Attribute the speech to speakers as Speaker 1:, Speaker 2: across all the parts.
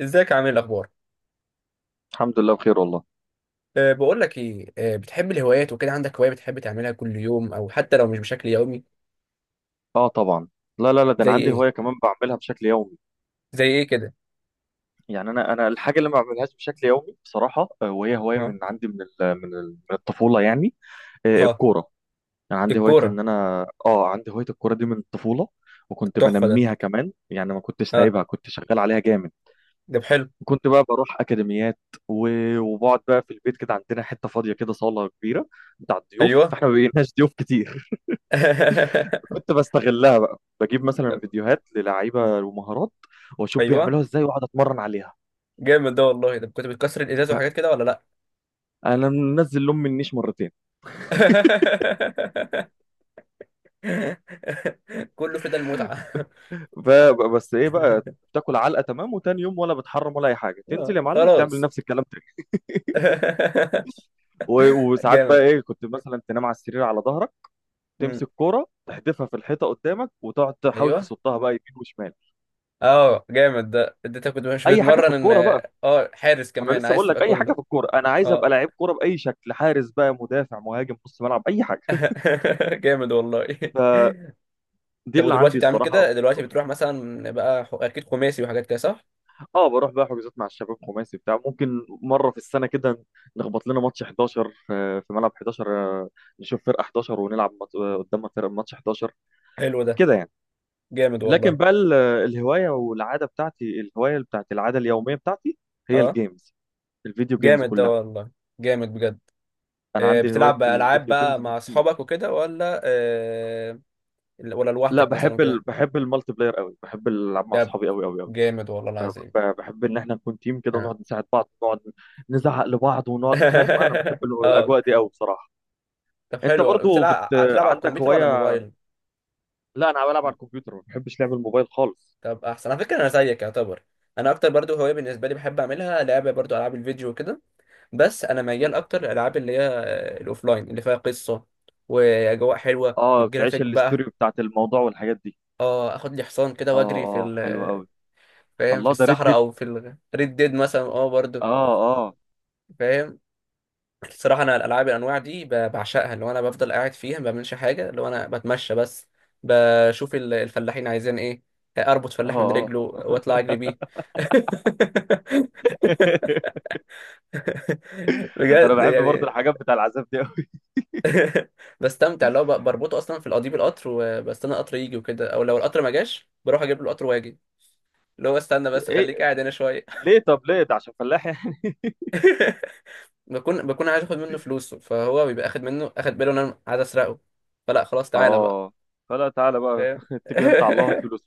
Speaker 1: ازيك عامل إيه؟ الاخبار.
Speaker 2: الحمد لله بخير والله.
Speaker 1: بقول لك ايه. بتحب الهوايات وكده؟ عندك هوايه بتحب تعملها كل يوم او حتى لو مش بشكل يومي؟
Speaker 2: اه طبعا. لا، ده
Speaker 1: زي
Speaker 2: انا عندي
Speaker 1: ايه
Speaker 2: هوايه كمان بعملها بشكل يومي.
Speaker 1: زي ايه كده؟
Speaker 2: يعني انا الحاجه اللي ما بعملهاش بشكل يومي بصراحه، وهي هوايه
Speaker 1: اه.
Speaker 2: من عندي من الطفوله يعني،
Speaker 1: اه،
Speaker 2: الكوره. يعني عندي هوايه
Speaker 1: الكوره.
Speaker 2: ان انا اه عندي هوايه الكوره دي من الطفوله، وكنت
Speaker 1: التحفه ده.
Speaker 2: بنميها كمان، يعني ما كنتش
Speaker 1: اه،
Speaker 2: سايبها، كنت شغال عليها جامد.
Speaker 1: ده حلو.
Speaker 2: كنت بقى بروح اكاديميات. و- وبقعد بقى في البيت كده، عندنا حته فاضيه كده، صاله كبيره بتاع الضيوف،
Speaker 1: ايوه.
Speaker 2: فاحنا ما بقيناش ضيوف كتير. كنت بستغلها بقى، بجيب مثلا فيديوهات للعيبه ومهارات واشوف
Speaker 1: ايوه،
Speaker 2: بيعملوها ازاي واقعد اتمرن عليها.
Speaker 1: جامد ده والله. ده كنت بتكسر الازاز وحاجات كده ولا لا؟
Speaker 2: فانا منزل لهم النيش مرتين.
Speaker 1: كله في ده المتعه.
Speaker 2: ف- بس ايه بقى، تاكل علقه تمام، وتاني يوم ولا بتحرم ولا اي حاجه، تنزل
Speaker 1: آه،
Speaker 2: يا معلم تعمل
Speaker 1: خلاص.
Speaker 2: نفس الكلام تاني. و- وساعات بقى
Speaker 1: جامد.
Speaker 2: ايه، كنت مثلا تنام على السرير على ظهرك،
Speaker 1: مم.
Speaker 2: تمسك كوره تحدفها في الحيطه قدامك وتقعد تحاول
Speaker 1: ايوه.
Speaker 2: تصدها بقى يمين وشمال.
Speaker 1: اه، جامد ده. اديتك كنت مش
Speaker 2: اي حاجه في
Speaker 1: بتتمرن ان
Speaker 2: الكوره بقى.
Speaker 1: حارس
Speaker 2: انا
Speaker 1: كمان،
Speaker 2: لسه
Speaker 1: عايز
Speaker 2: بقول
Speaker 1: تبقى
Speaker 2: لك اي حاجه
Speaker 1: كله.
Speaker 2: في الكوره، انا عايز
Speaker 1: اه.
Speaker 2: ابقى لعيب كوره باي شكل، حارس بقى، مدافع، مهاجم، نص ملعب، اي حاجه.
Speaker 1: جامد والله.
Speaker 2: دي
Speaker 1: طب
Speaker 2: اللي عندي
Speaker 1: ودلوقتي بتعمل
Speaker 2: الصراحه في
Speaker 1: كده؟ دلوقتي
Speaker 2: الشغل.
Speaker 1: بتروح مثلا بقى اكيد خماسي وحاجات كده صح؟
Speaker 2: اه بروح بقى حجوزات مع الشباب خماسي بتاع، ممكن مره في السنه كده نخبط لنا ماتش 11، في ملعب 11، نشوف فرقه 11 ونلعب قدامها فرقه ماتش 11
Speaker 1: حلو ده.
Speaker 2: كده يعني.
Speaker 1: جامد والله.
Speaker 2: لكن بقى الهوايه والعاده بتاعتي، الهوايه بتاعت العاده اليوميه بتاعتي هي
Speaker 1: اه،
Speaker 2: الجيمز، الفيديو جيمز
Speaker 1: جامد ده
Speaker 2: كلها.
Speaker 1: والله. جامد بجد.
Speaker 2: انا عندي هوايه
Speaker 1: بتلعب بقى العاب
Speaker 2: الفيديو
Speaker 1: بقى
Speaker 2: جيمز دي
Speaker 1: مع
Speaker 2: كتير.
Speaker 1: اصحابك وكده ولا
Speaker 2: لا
Speaker 1: لوحدك مثلا
Speaker 2: بحب ال...
Speaker 1: وكده؟
Speaker 2: بحب المالتي بلاير قوي، بحب العب مع
Speaker 1: ده
Speaker 2: اصحابي قوي قوي قوي.
Speaker 1: جامد والله العظيم.
Speaker 2: بحب ان احنا نكون تيم كده
Speaker 1: اه.
Speaker 2: ونقعد نساعد بعض ونقعد نزعق لبعض ونقعد، فاهم؟ انا بحب
Speaker 1: اه.
Speaker 2: الاجواء دي قوي بصراحه.
Speaker 1: طب
Speaker 2: انت
Speaker 1: حلو،
Speaker 2: برضو
Speaker 1: بتلعب على
Speaker 2: عندك
Speaker 1: الكمبيوتر ولا
Speaker 2: هوايه؟
Speaker 1: الموبايل؟
Speaker 2: لا انا بلعب على الكمبيوتر، ما بحبش لعب الموبايل خالص.
Speaker 1: طب احسن على فكره، انا زيك يعتبر. انا اكتر برضو هوايه بالنسبه لي بحب اعملها لعبه برضو العاب الفيديو وكده. بس انا
Speaker 2: مم.
Speaker 1: ميال اكتر الالعاب اللي هي الاوفلاين اللي فيها قصه واجواء حلوه
Speaker 2: اه
Speaker 1: والجرافيك
Speaker 2: بتعيش الستوري
Speaker 1: بقى.
Speaker 2: بتاعت الموضوع والحاجات دي.
Speaker 1: اه، اخد لي حصان كده
Speaker 2: اه
Speaker 1: واجري في
Speaker 2: اه، حلو قوي.
Speaker 1: فاهم، في
Speaker 2: الله، ده ريد
Speaker 1: الصحراء
Speaker 2: ديد.
Speaker 1: او في الريد ديد مثلا اه برضو.
Speaker 2: اه. اه.
Speaker 1: فاهم. الصراحه انا الالعاب الانواع دي بعشقها، اللي هو انا بفضل قاعد فيها ما بعملش حاجه، اللي هو انا بتمشى بس بشوف الفلاحين عايزين ايه. اربط فلاح من
Speaker 2: اه.
Speaker 1: رجله
Speaker 2: اه.
Speaker 1: واطلع اجري بيه.
Speaker 2: انا
Speaker 1: بجد
Speaker 2: بحب برضو
Speaker 1: يعني.
Speaker 2: الحاجات بتاع العذاب دي قوي.
Speaker 1: بستمتع اللي هو بربطه اصلا في قضيب القطر وبستنى القطر يجي وكده، او لو القطر ما جاش بروح اجيب له القطر واجي. اللي هو استنى بس،
Speaker 2: ايه،
Speaker 1: خليك قاعد هنا شويه.
Speaker 2: ليه؟ طب ليه ده، عشان فلاح يعني؟
Speaker 1: بكون عايز اخد منه فلوسه، فهو بيبقى اخد منه، اخد باله ان انا عايز اسرقه، فلا خلاص تعالى بقى.
Speaker 2: اه، فلا تعالى بقى،
Speaker 1: فاهم.
Speaker 2: اتكل انت على الله، هات فلوس.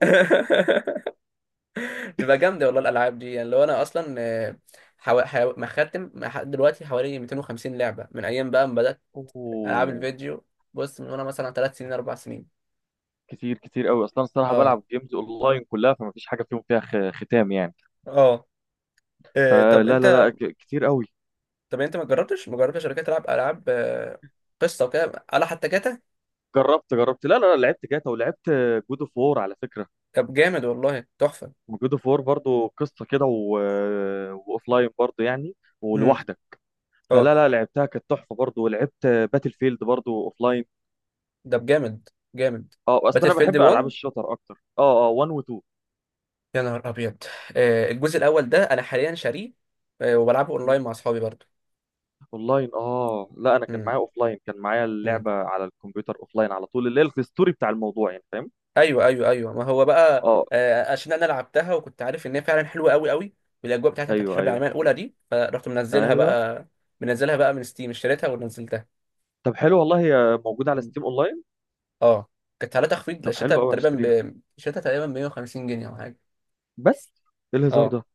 Speaker 1: بتبقى جامده والله الالعاب دي. يعني لو انا اصلا مختم لحد دلوقتي حوالي 250 لعبه من ايام بقى ما بدات العاب
Speaker 2: اوه،
Speaker 1: الفيديو. بص، من وانا مثلا 3 سنين 4 سنين.
Speaker 2: كتير كتير قوي اصلا الصراحه،
Speaker 1: اه.
Speaker 2: بلعب جيمز اونلاين كلها، فما فيش حاجه فيها ختام يعني.
Speaker 1: اه.
Speaker 2: فلا
Speaker 1: طب
Speaker 2: لا
Speaker 1: انت.
Speaker 2: لا، كتير قوي.
Speaker 1: ما جربتش شركات تلعب العاب قصه وكده، على حتى جاتا؟
Speaker 2: جربت جربت، لا لا لا، لعبت جاتا ولعبت جود اوف وور على فكره.
Speaker 1: طب جامد والله، تحفه.
Speaker 2: جود اوف وور برضه قصه كده و... واوفلاين برضه يعني،
Speaker 1: امم.
Speaker 2: ولوحدك.
Speaker 1: اه.
Speaker 2: فلا لا، لعبتها كانت تحفه برضه، ولعبت باتل فيلد برضه اوفلاين.
Speaker 1: ده جامد. جامد.
Speaker 2: اه اصلا
Speaker 1: باتل
Speaker 2: انا
Speaker 1: فيلد
Speaker 2: بحب العاب
Speaker 1: 1؟
Speaker 2: الشوتر اكتر. اه اه، 1 و 2.
Speaker 1: يا نهار ابيض. الجزء الاول ده انا حاليا شاريه، وبلعبه
Speaker 2: مم.
Speaker 1: اونلاين مع اصحابي برضه.
Speaker 2: اونلاين اه، لا انا كان معايا
Speaker 1: امم.
Speaker 2: اوفلاين، كان معايا
Speaker 1: امم.
Speaker 2: اللعبه على الكمبيوتر اوفلاين على طول، اللي هي الستوري بتاع الموضوع يعني، فاهم؟
Speaker 1: ايوه ايوه ايوه. ما هو بقى
Speaker 2: اه،
Speaker 1: عشان انا لعبتها وكنت عارف ان هي فعلا حلوه قوي قوي. والاجواء بتاعتها بتاعت
Speaker 2: ايوه
Speaker 1: الحرب
Speaker 2: ايوه
Speaker 1: العالميه الاولى دي فرحت منزلها
Speaker 2: ايوه.
Speaker 1: بقى. منزلها بقى من ستيم، اشتريتها ونزلتها.
Speaker 2: طب حلو والله، هي موجوده على ستيم اونلاين.
Speaker 1: اه، كانت عليها تخفيض.
Speaker 2: طب حلو قوي، هشتريها.
Speaker 1: شريتها تقريبا ب 150 جنيه او حاجه.
Speaker 2: بس ايه الهزار
Speaker 1: اه،
Speaker 2: ده؟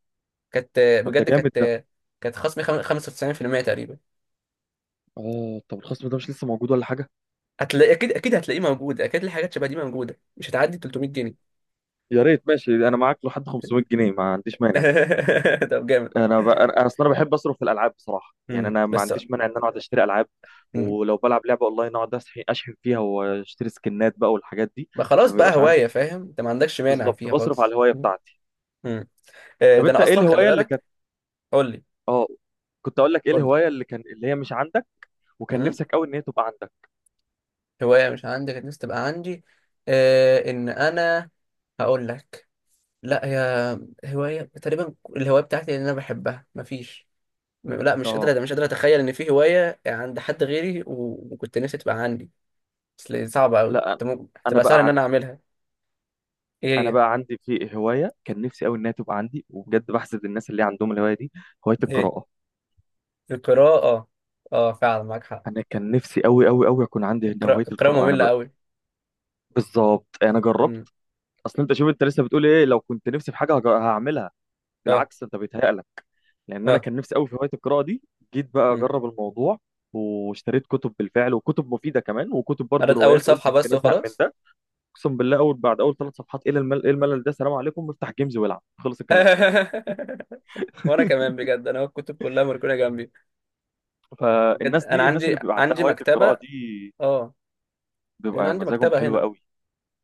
Speaker 1: كانت،
Speaker 2: طب ده
Speaker 1: بجد
Speaker 2: جامد ده.
Speaker 1: كانت خصم 95% تقريبا.
Speaker 2: اه طب الخصم ده مش لسه موجود ولا حاجه؟
Speaker 1: هتلاقي اكيد، اكيد هتلاقيه موجود اكيد. الحاجات شبه دي موجوده، مش هتعدي 300 جنيه.
Speaker 2: يا ريت، ماشي، انا معاك لحد 500 جنيه، ما عنديش مانع.
Speaker 1: طب جامد.
Speaker 2: انا اصلا انا بحب اصرف في الالعاب بصراحه، يعني انا ما
Speaker 1: بس.
Speaker 2: عنديش مانع ان انا اقعد اشتري العاب.
Speaker 1: امم.
Speaker 2: ولو بلعب لعبه اونلاين، اقعد اشحن فيها واشتري سكنات بقى والحاجات دي.
Speaker 1: بقى
Speaker 2: ما
Speaker 1: خلاص بقى
Speaker 2: بيبقاش عندي،
Speaker 1: هوايه، فاهم، انت ما عندكش مانع
Speaker 2: بالظبط،
Speaker 1: فيها
Speaker 2: بصرف على
Speaker 1: خالص.
Speaker 2: الهوايه بتاعتي.
Speaker 1: امم.
Speaker 2: طب
Speaker 1: ده
Speaker 2: انت
Speaker 1: انا
Speaker 2: ايه
Speaker 1: اصلا خلي
Speaker 2: الهوايه اللي كانت؟
Speaker 1: بالك. قول لي.
Speaker 2: اه، كنت اقول لك ايه
Speaker 1: قول لي.
Speaker 2: الهوايه اللي كان اللي هي مش عندك، وكان
Speaker 1: امم.
Speaker 2: نفسك قوي ان هي تبقى عندك.
Speaker 1: هوايه مش عندي كانت نفسي تبقى عندي؟ ان انا، هقول لك. لا هي، هواية تقريبا الهواية بتاعتي اللي أنا بحبها مفيش. لا،
Speaker 2: اه
Speaker 1: مش قادرة أتخيل إن في هواية عند حد غيري، وكنت نفسي تبقى عندي. أصل صعبة أوي،
Speaker 2: لا، أنا
Speaker 1: أنت ممكن
Speaker 2: أنا
Speaker 1: تبقى سهل
Speaker 2: بقى
Speaker 1: إن أنا
Speaker 2: عندي
Speaker 1: أعملها. إيه
Speaker 2: أنا
Speaker 1: هي؟
Speaker 2: بقى عندي في هواية كان نفسي أوي إنها تبقى عندي، وبجد بحسد الناس اللي عندهم الهواية دي، هواية
Speaker 1: إيه؟
Speaker 2: القراءة.
Speaker 1: القراءة، أه. آه، فعلا معاك حق.
Speaker 2: أنا كان نفسي أوي أوي أوي أكون عندي هنا هواية
Speaker 1: القراءة
Speaker 2: القراءة.
Speaker 1: مملة أوي.
Speaker 2: بالظبط أنا جربت.
Speaker 1: أمم.
Speaker 2: أصل أنت شوف، أنت لسه بتقول إيه لو كنت نفسي في حاجة هعملها؟
Speaker 1: أه
Speaker 2: بالعكس، أنت بيتهيألك. لأن أنا
Speaker 1: أه
Speaker 2: كان نفسي أوي في هواية القراءة دي. جيت بقى
Speaker 1: أمم.
Speaker 2: أجرب الموضوع، واشتريت كتب بالفعل، وكتب مفيدة كمان، وكتب برضه
Speaker 1: قريت أول
Speaker 2: روايات، قلت
Speaker 1: صفحة بس
Speaker 2: يمكن أزهق من
Speaker 1: وخلاص.
Speaker 2: ده. أقسم بالله، أول بعد أول ثلاث صفحات، إيه الملل، إيه الملل ده، سلام عليكم، افتح جيمز والعب، خلص الكلام.
Speaker 1: وأنا كمان بجد، أنا الكتب كلها مركونة جنبي. بجد
Speaker 2: فالناس
Speaker 1: أنا
Speaker 2: دي، الناس اللي بيبقى عندها
Speaker 1: عندي
Speaker 2: هواية القراءة
Speaker 1: مكتبة.
Speaker 2: دي،
Speaker 1: أه. يعني أنا
Speaker 2: بيبقى
Speaker 1: عندي
Speaker 2: مزاجهم
Speaker 1: مكتبة
Speaker 2: حلو
Speaker 1: هنا.
Speaker 2: قوي.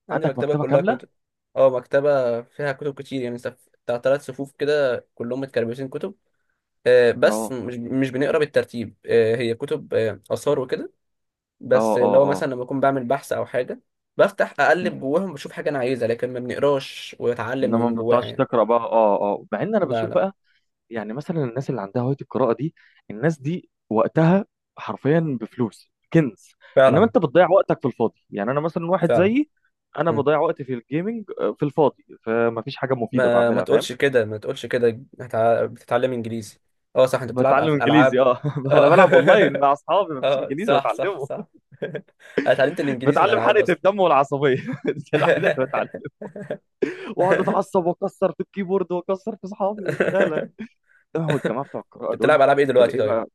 Speaker 1: عندي
Speaker 2: عندك
Speaker 1: مكتبة
Speaker 2: مكتبة
Speaker 1: كلها
Speaker 2: كاملة.
Speaker 1: كتب. اه، مكتبة فيها كتب كتير يعني بتاع تلات صفوف كده كلهم متكربسين كتب. بس
Speaker 2: اه.
Speaker 1: مش بنقرا بالترتيب. هي كتب، آثار وكده.
Speaker 2: اه.
Speaker 1: بس
Speaker 2: اه.
Speaker 1: لو
Speaker 2: اه.
Speaker 1: مثلا لما بكون بعمل بحث أو حاجة بفتح أقلب
Speaker 2: مم.
Speaker 1: جواهم بشوف حاجة أنا عايزها، لكن ما بنقراش وأتعلم
Speaker 2: انما
Speaker 1: من
Speaker 2: ما
Speaker 1: جواها
Speaker 2: بتعرفش
Speaker 1: يعني.
Speaker 2: تقرا بقى، اه اه، مع ان انا
Speaker 1: لا
Speaker 2: بشوف
Speaker 1: لا.
Speaker 2: بقى، يعني مثلا الناس اللي عندها هوايه القراءه دي، الناس دي وقتها حرفيا بفلوس كنز. انما
Speaker 1: فعلا
Speaker 2: انت بتضيع وقتك في الفاضي، يعني انا مثلا واحد
Speaker 1: فعلا.
Speaker 2: زيي، انا
Speaker 1: مم.
Speaker 2: بضيع وقتي في الجيمنج، في الفاضي، فما فيش حاجه مفيده
Speaker 1: ما ما
Speaker 2: بعملها، فاهم؟
Speaker 1: تقولش كده. ما تقولش كده، بتتعلم إنجليزي. اه صح، أنت بتلعب
Speaker 2: بتعلم
Speaker 1: في
Speaker 2: انجليزي
Speaker 1: الألعاب.
Speaker 2: اه، انا
Speaker 1: اه.
Speaker 2: بلعب اونلاين مع اصحابي، ما فيش
Speaker 1: اه
Speaker 2: انجليزي
Speaker 1: صح صح
Speaker 2: بتعلمه.
Speaker 1: صح. انا اتعلمت الانجليزي من
Speaker 2: بتعلم
Speaker 1: العاب
Speaker 2: حرقه
Speaker 1: اصلا.
Speaker 2: الدم والعصبيه، دي الوحيده اللي بتعلم، واقعد اتعصب واكسر في الكيبورد واكسر في اصحابي. لا لا، هو الجماعه بتوع القراءه
Speaker 1: انت
Speaker 2: دول
Speaker 1: بتلعب العاب ايه دلوقتي
Speaker 2: تلاقيه
Speaker 1: طيب؟
Speaker 2: بقى.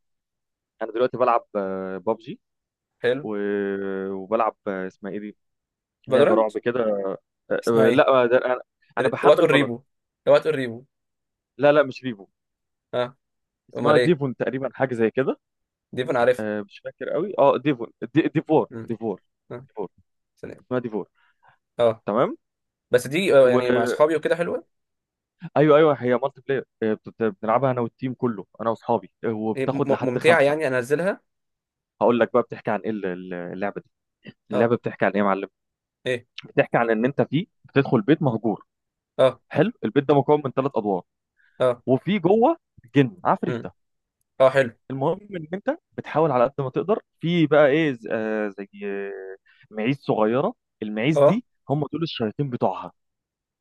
Speaker 2: انا دلوقتي بلعب بابجي،
Speaker 1: حلو.
Speaker 2: و... وبلعب اسمها ايه دي، لعبه
Speaker 1: فالورانت؟
Speaker 2: رعب كده. آه،
Speaker 1: اسمها
Speaker 2: آه،
Speaker 1: ايه؟
Speaker 2: لا آه، ده انا، انا
Speaker 1: وات
Speaker 2: بحمل
Speaker 1: اور
Speaker 2: فالورنت.
Speaker 1: ريبو؟ وات اور ريبو.
Speaker 2: لا لا، مش ريفو.
Speaker 1: اه.
Speaker 2: اسمها
Speaker 1: امال ايه؟
Speaker 2: ديفون تقريبا، حاجه زي كده.
Speaker 1: دي انا عارفها.
Speaker 2: مش فاكر قوي، اه ديفون دي... ديفور
Speaker 1: مم.
Speaker 2: ديفور،
Speaker 1: اه.
Speaker 2: ديفور.
Speaker 1: سلام.
Speaker 2: اسمها ديفور،
Speaker 1: اه.
Speaker 2: تمام.
Speaker 1: بس دي
Speaker 2: و...
Speaker 1: يعني مع اصحابي وكده حلوه.
Speaker 2: ايوه ايوه، هي مالتي بلاير، بنلعبها انا والتيم كله، انا واصحابي،
Speaker 1: ايه،
Speaker 2: وبتاخد لحد
Speaker 1: ممتعه؟
Speaker 2: خمسه.
Speaker 1: يعني انزلها.
Speaker 2: هقول لك بقى بتحكي عن ايه اللعبه دي،
Speaker 1: اه.
Speaker 2: اللعبه بتحكي عن ايه يا معلم؟
Speaker 1: ايه.
Speaker 2: بتحكي عن ان انت فيه بتدخل بيت مهجور،
Speaker 1: اه.
Speaker 2: حلو، البيت ده مكون من ثلاث ادوار،
Speaker 1: اه.
Speaker 2: وفي جوه جن
Speaker 1: مم.
Speaker 2: عفريته.
Speaker 1: اه حلو.
Speaker 2: المهم ان انت بتحاول على قد ما تقدر، في بقى ايه زي معيز صغيره، المعيز
Speaker 1: اه
Speaker 2: دي هم دول الشياطين بتوعها.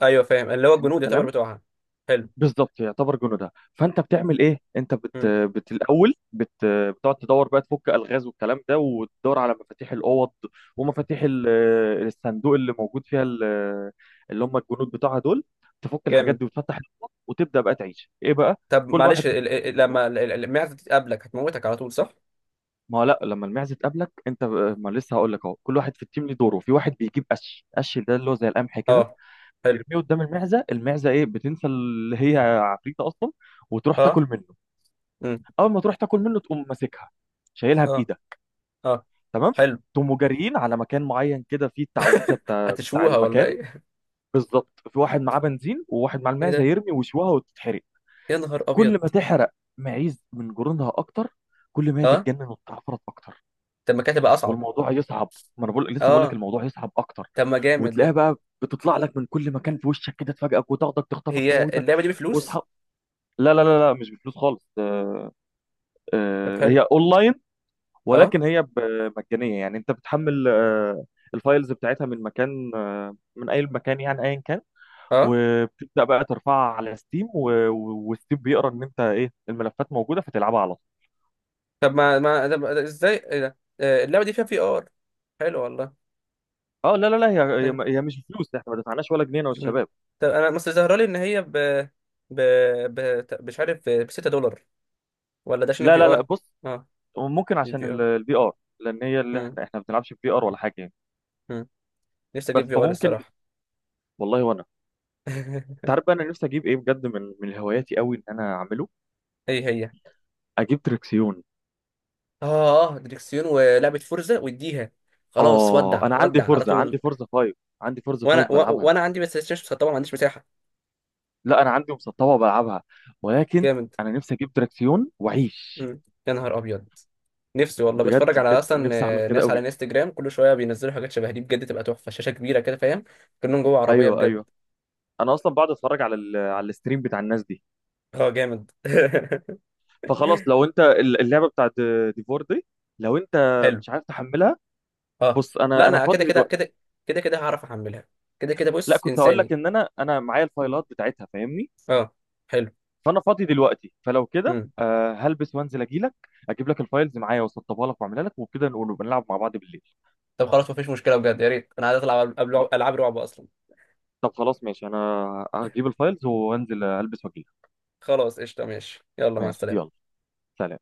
Speaker 1: ايوه، فاهم، اللي هو
Speaker 2: حلو
Speaker 1: الجنود يعتبر
Speaker 2: الكلام،
Speaker 1: بتوعها. حلو.
Speaker 2: بالظبط يعتبر جنودها. فانت بتعمل ايه، انت بت,
Speaker 1: مم.
Speaker 2: بت الاول بت بتقعد تدور بقى تفك الغاز والكلام ده، وتدور على مفاتيح الاوض، ومفاتيح الصندوق اللي موجود فيها اللي هم الجنود بتوعها دول. تفك الحاجات
Speaker 1: جامد.
Speaker 2: دي وتفتح الاوض وتبدا بقى تعيش ايه بقى.
Speaker 1: طب
Speaker 2: كل
Speaker 1: معلش،
Speaker 2: واحد في التيم ليه دوره.
Speaker 1: لما المعزه دي تقابلك هتموتك على طول صح؟
Speaker 2: ما هو لا، لما المعزه تقابلك انت ما لسه هقول لك اهو، كل واحد في التيم ليه دوره، في واحد بيجيب قش، قش ده اللي هو زي القمح كده،
Speaker 1: اه حلو.
Speaker 2: يرميه قدام المعزه، المعزه ايه، بتنسى اللي هي عفريته اصلا وتروح تاكل
Speaker 1: اه.
Speaker 2: منه.
Speaker 1: امم.
Speaker 2: اول ما تروح تاكل منه، تقوم ماسكها، شايلها
Speaker 1: اه
Speaker 2: بايدك،
Speaker 1: اه.
Speaker 2: تمام،
Speaker 1: حلو.
Speaker 2: تقوموا جاريين على مكان معين كده، فيه التعويذه بتاع
Speaker 1: هتشوها ولا
Speaker 2: المكان.
Speaker 1: ايه؟
Speaker 2: بالظبط، في واحد معاه بنزين وواحد معاه
Speaker 1: ايه
Speaker 2: المعزه،
Speaker 1: ده؟
Speaker 2: يرمي وشوها وتتحرق.
Speaker 1: يا نهار
Speaker 2: كل
Speaker 1: ابيض.
Speaker 2: ما تحرق معيز من جرونها اكتر، كل ما هي
Speaker 1: اه
Speaker 2: تتجنن وتتعفرت اكتر،
Speaker 1: طب ما كانت هتبقى اصعب.
Speaker 2: والموضوع يصعب. ما انا بقول لسه بقول لك
Speaker 1: اه
Speaker 2: الموضوع يصعب اكتر.
Speaker 1: طب ما جامد
Speaker 2: وتلاقيها
Speaker 1: ده.
Speaker 2: بقى بتطلع لك من كل مكان في وشك كده، تفاجئك وتاخدك تخطفك
Speaker 1: هي
Speaker 2: تموتك،
Speaker 1: اللعبه دي
Speaker 2: واصحى.
Speaker 1: بفلوس؟
Speaker 2: لا لا لا لا، مش بفلوس خالص،
Speaker 1: طب حلو.
Speaker 2: هي اونلاين،
Speaker 1: اه.
Speaker 2: ولكن هي مجانيه. يعني انت بتحمل، الفايلز بتاعتها من مكان، من اي مكان يعني، ايا كان.
Speaker 1: اه.
Speaker 2: وبتبدا بقى ترفعها على ستيم، وستيم بيقرا ان انت ايه الملفات موجوده، فتلعبها على طول.
Speaker 1: طب ما ما طب ازاي، ايه ده؟ اللعبه دي فيها في ار؟ حلو والله.
Speaker 2: اه لا لا لا،
Speaker 1: آه.
Speaker 2: هي مش فلوس، احنا ما دفعناش ولا جنيه انا
Speaker 1: مم.
Speaker 2: والشباب.
Speaker 1: طب انا بس ظاهره لي ان هي ب ب مش عارف ب 6 دولار. ولا ده عشان
Speaker 2: لا
Speaker 1: في
Speaker 2: لا لا،
Speaker 1: ار؟
Speaker 2: بص،
Speaker 1: اه
Speaker 2: ممكن
Speaker 1: دي
Speaker 2: عشان
Speaker 1: في
Speaker 2: الفي ار، لان هي اللي احنا ما بنلعبش في ار ولا حاجه يعني،
Speaker 1: ار. نفسي
Speaker 2: بس
Speaker 1: اجيب في ار
Speaker 2: فممكن.
Speaker 1: الصراحه.
Speaker 2: والله وانا، انت عارف بقى انا نفسي اجيب ايه بجد، من هواياتي قوي ان انا اعمله،
Speaker 1: ايه هي؟
Speaker 2: اجيب تريكسيون.
Speaker 1: اه، دريكسيون ولعبه فورزا واديها، خلاص
Speaker 2: اه
Speaker 1: ودع
Speaker 2: انا عندي
Speaker 1: ودع على
Speaker 2: فورزا،
Speaker 1: طول.
Speaker 2: عندي فورزا 5 بلعبها.
Speaker 1: وانا عندي بس ستيشن، طبعا ما عنديش مساحه.
Speaker 2: لا انا عندي مسطبه بلعبها، ولكن
Speaker 1: جامد.
Speaker 2: انا نفسي اجيب دراكسيون واعيش.
Speaker 1: مم. يا نهار ابيض. نفسي والله،
Speaker 2: بجد
Speaker 1: بتفرج على
Speaker 2: بجد
Speaker 1: اصلا
Speaker 2: نفسي اعمل كده
Speaker 1: ناس على
Speaker 2: قوي.
Speaker 1: انستجرام كل شويه بينزلوا حاجات شبه دي، بجد تبقى تحفه، شاشه كبيره كده، فاهم، كأنهم جوه عربيه
Speaker 2: ايوه
Speaker 1: بجد.
Speaker 2: ايوه. انا اصلا بقعد اتفرج على ال على الستريم بتاع الناس دي.
Speaker 1: اه جامد.
Speaker 2: فخلاص، لو انت اللعبه بتاعت ديفور دي، لو انت
Speaker 1: حلو.
Speaker 2: مش عارف تحملها،
Speaker 1: اه
Speaker 2: بص
Speaker 1: لا،
Speaker 2: انا انا
Speaker 1: انا كده
Speaker 2: فاضي
Speaker 1: كده
Speaker 2: دلوقتي.
Speaker 1: كده، كده كده هعرف احملها، كده كده
Speaker 2: لا
Speaker 1: بص
Speaker 2: كنت هقول لك
Speaker 1: انساني.
Speaker 2: ان انا معايا
Speaker 1: مم.
Speaker 2: الفايلات بتاعتها، فاهمني؟
Speaker 1: اه حلو.
Speaker 2: فانا فاضي دلوقتي، فلو كده
Speaker 1: مم.
Speaker 2: آه هلبس وانزل اجي لك، اجيب لك الفايلز معايا واسطبها لك واعملها لك، وبكده نقول نبقى نلعب مع بعض بالليل.
Speaker 1: طب خلاص مفيش مشكلة بجد، يا ريت، انا عايز اطلع العب
Speaker 2: خ-
Speaker 1: قبل، العاب رعب اصلا.
Speaker 2: طب خلاص ماشي، انا هجيب الفايلز وانزل البس واجي لك.
Speaker 1: خلاص قشطة، ماشي يلا، مع
Speaker 2: ماشي، يلا،
Speaker 1: السلامة.
Speaker 2: سلام.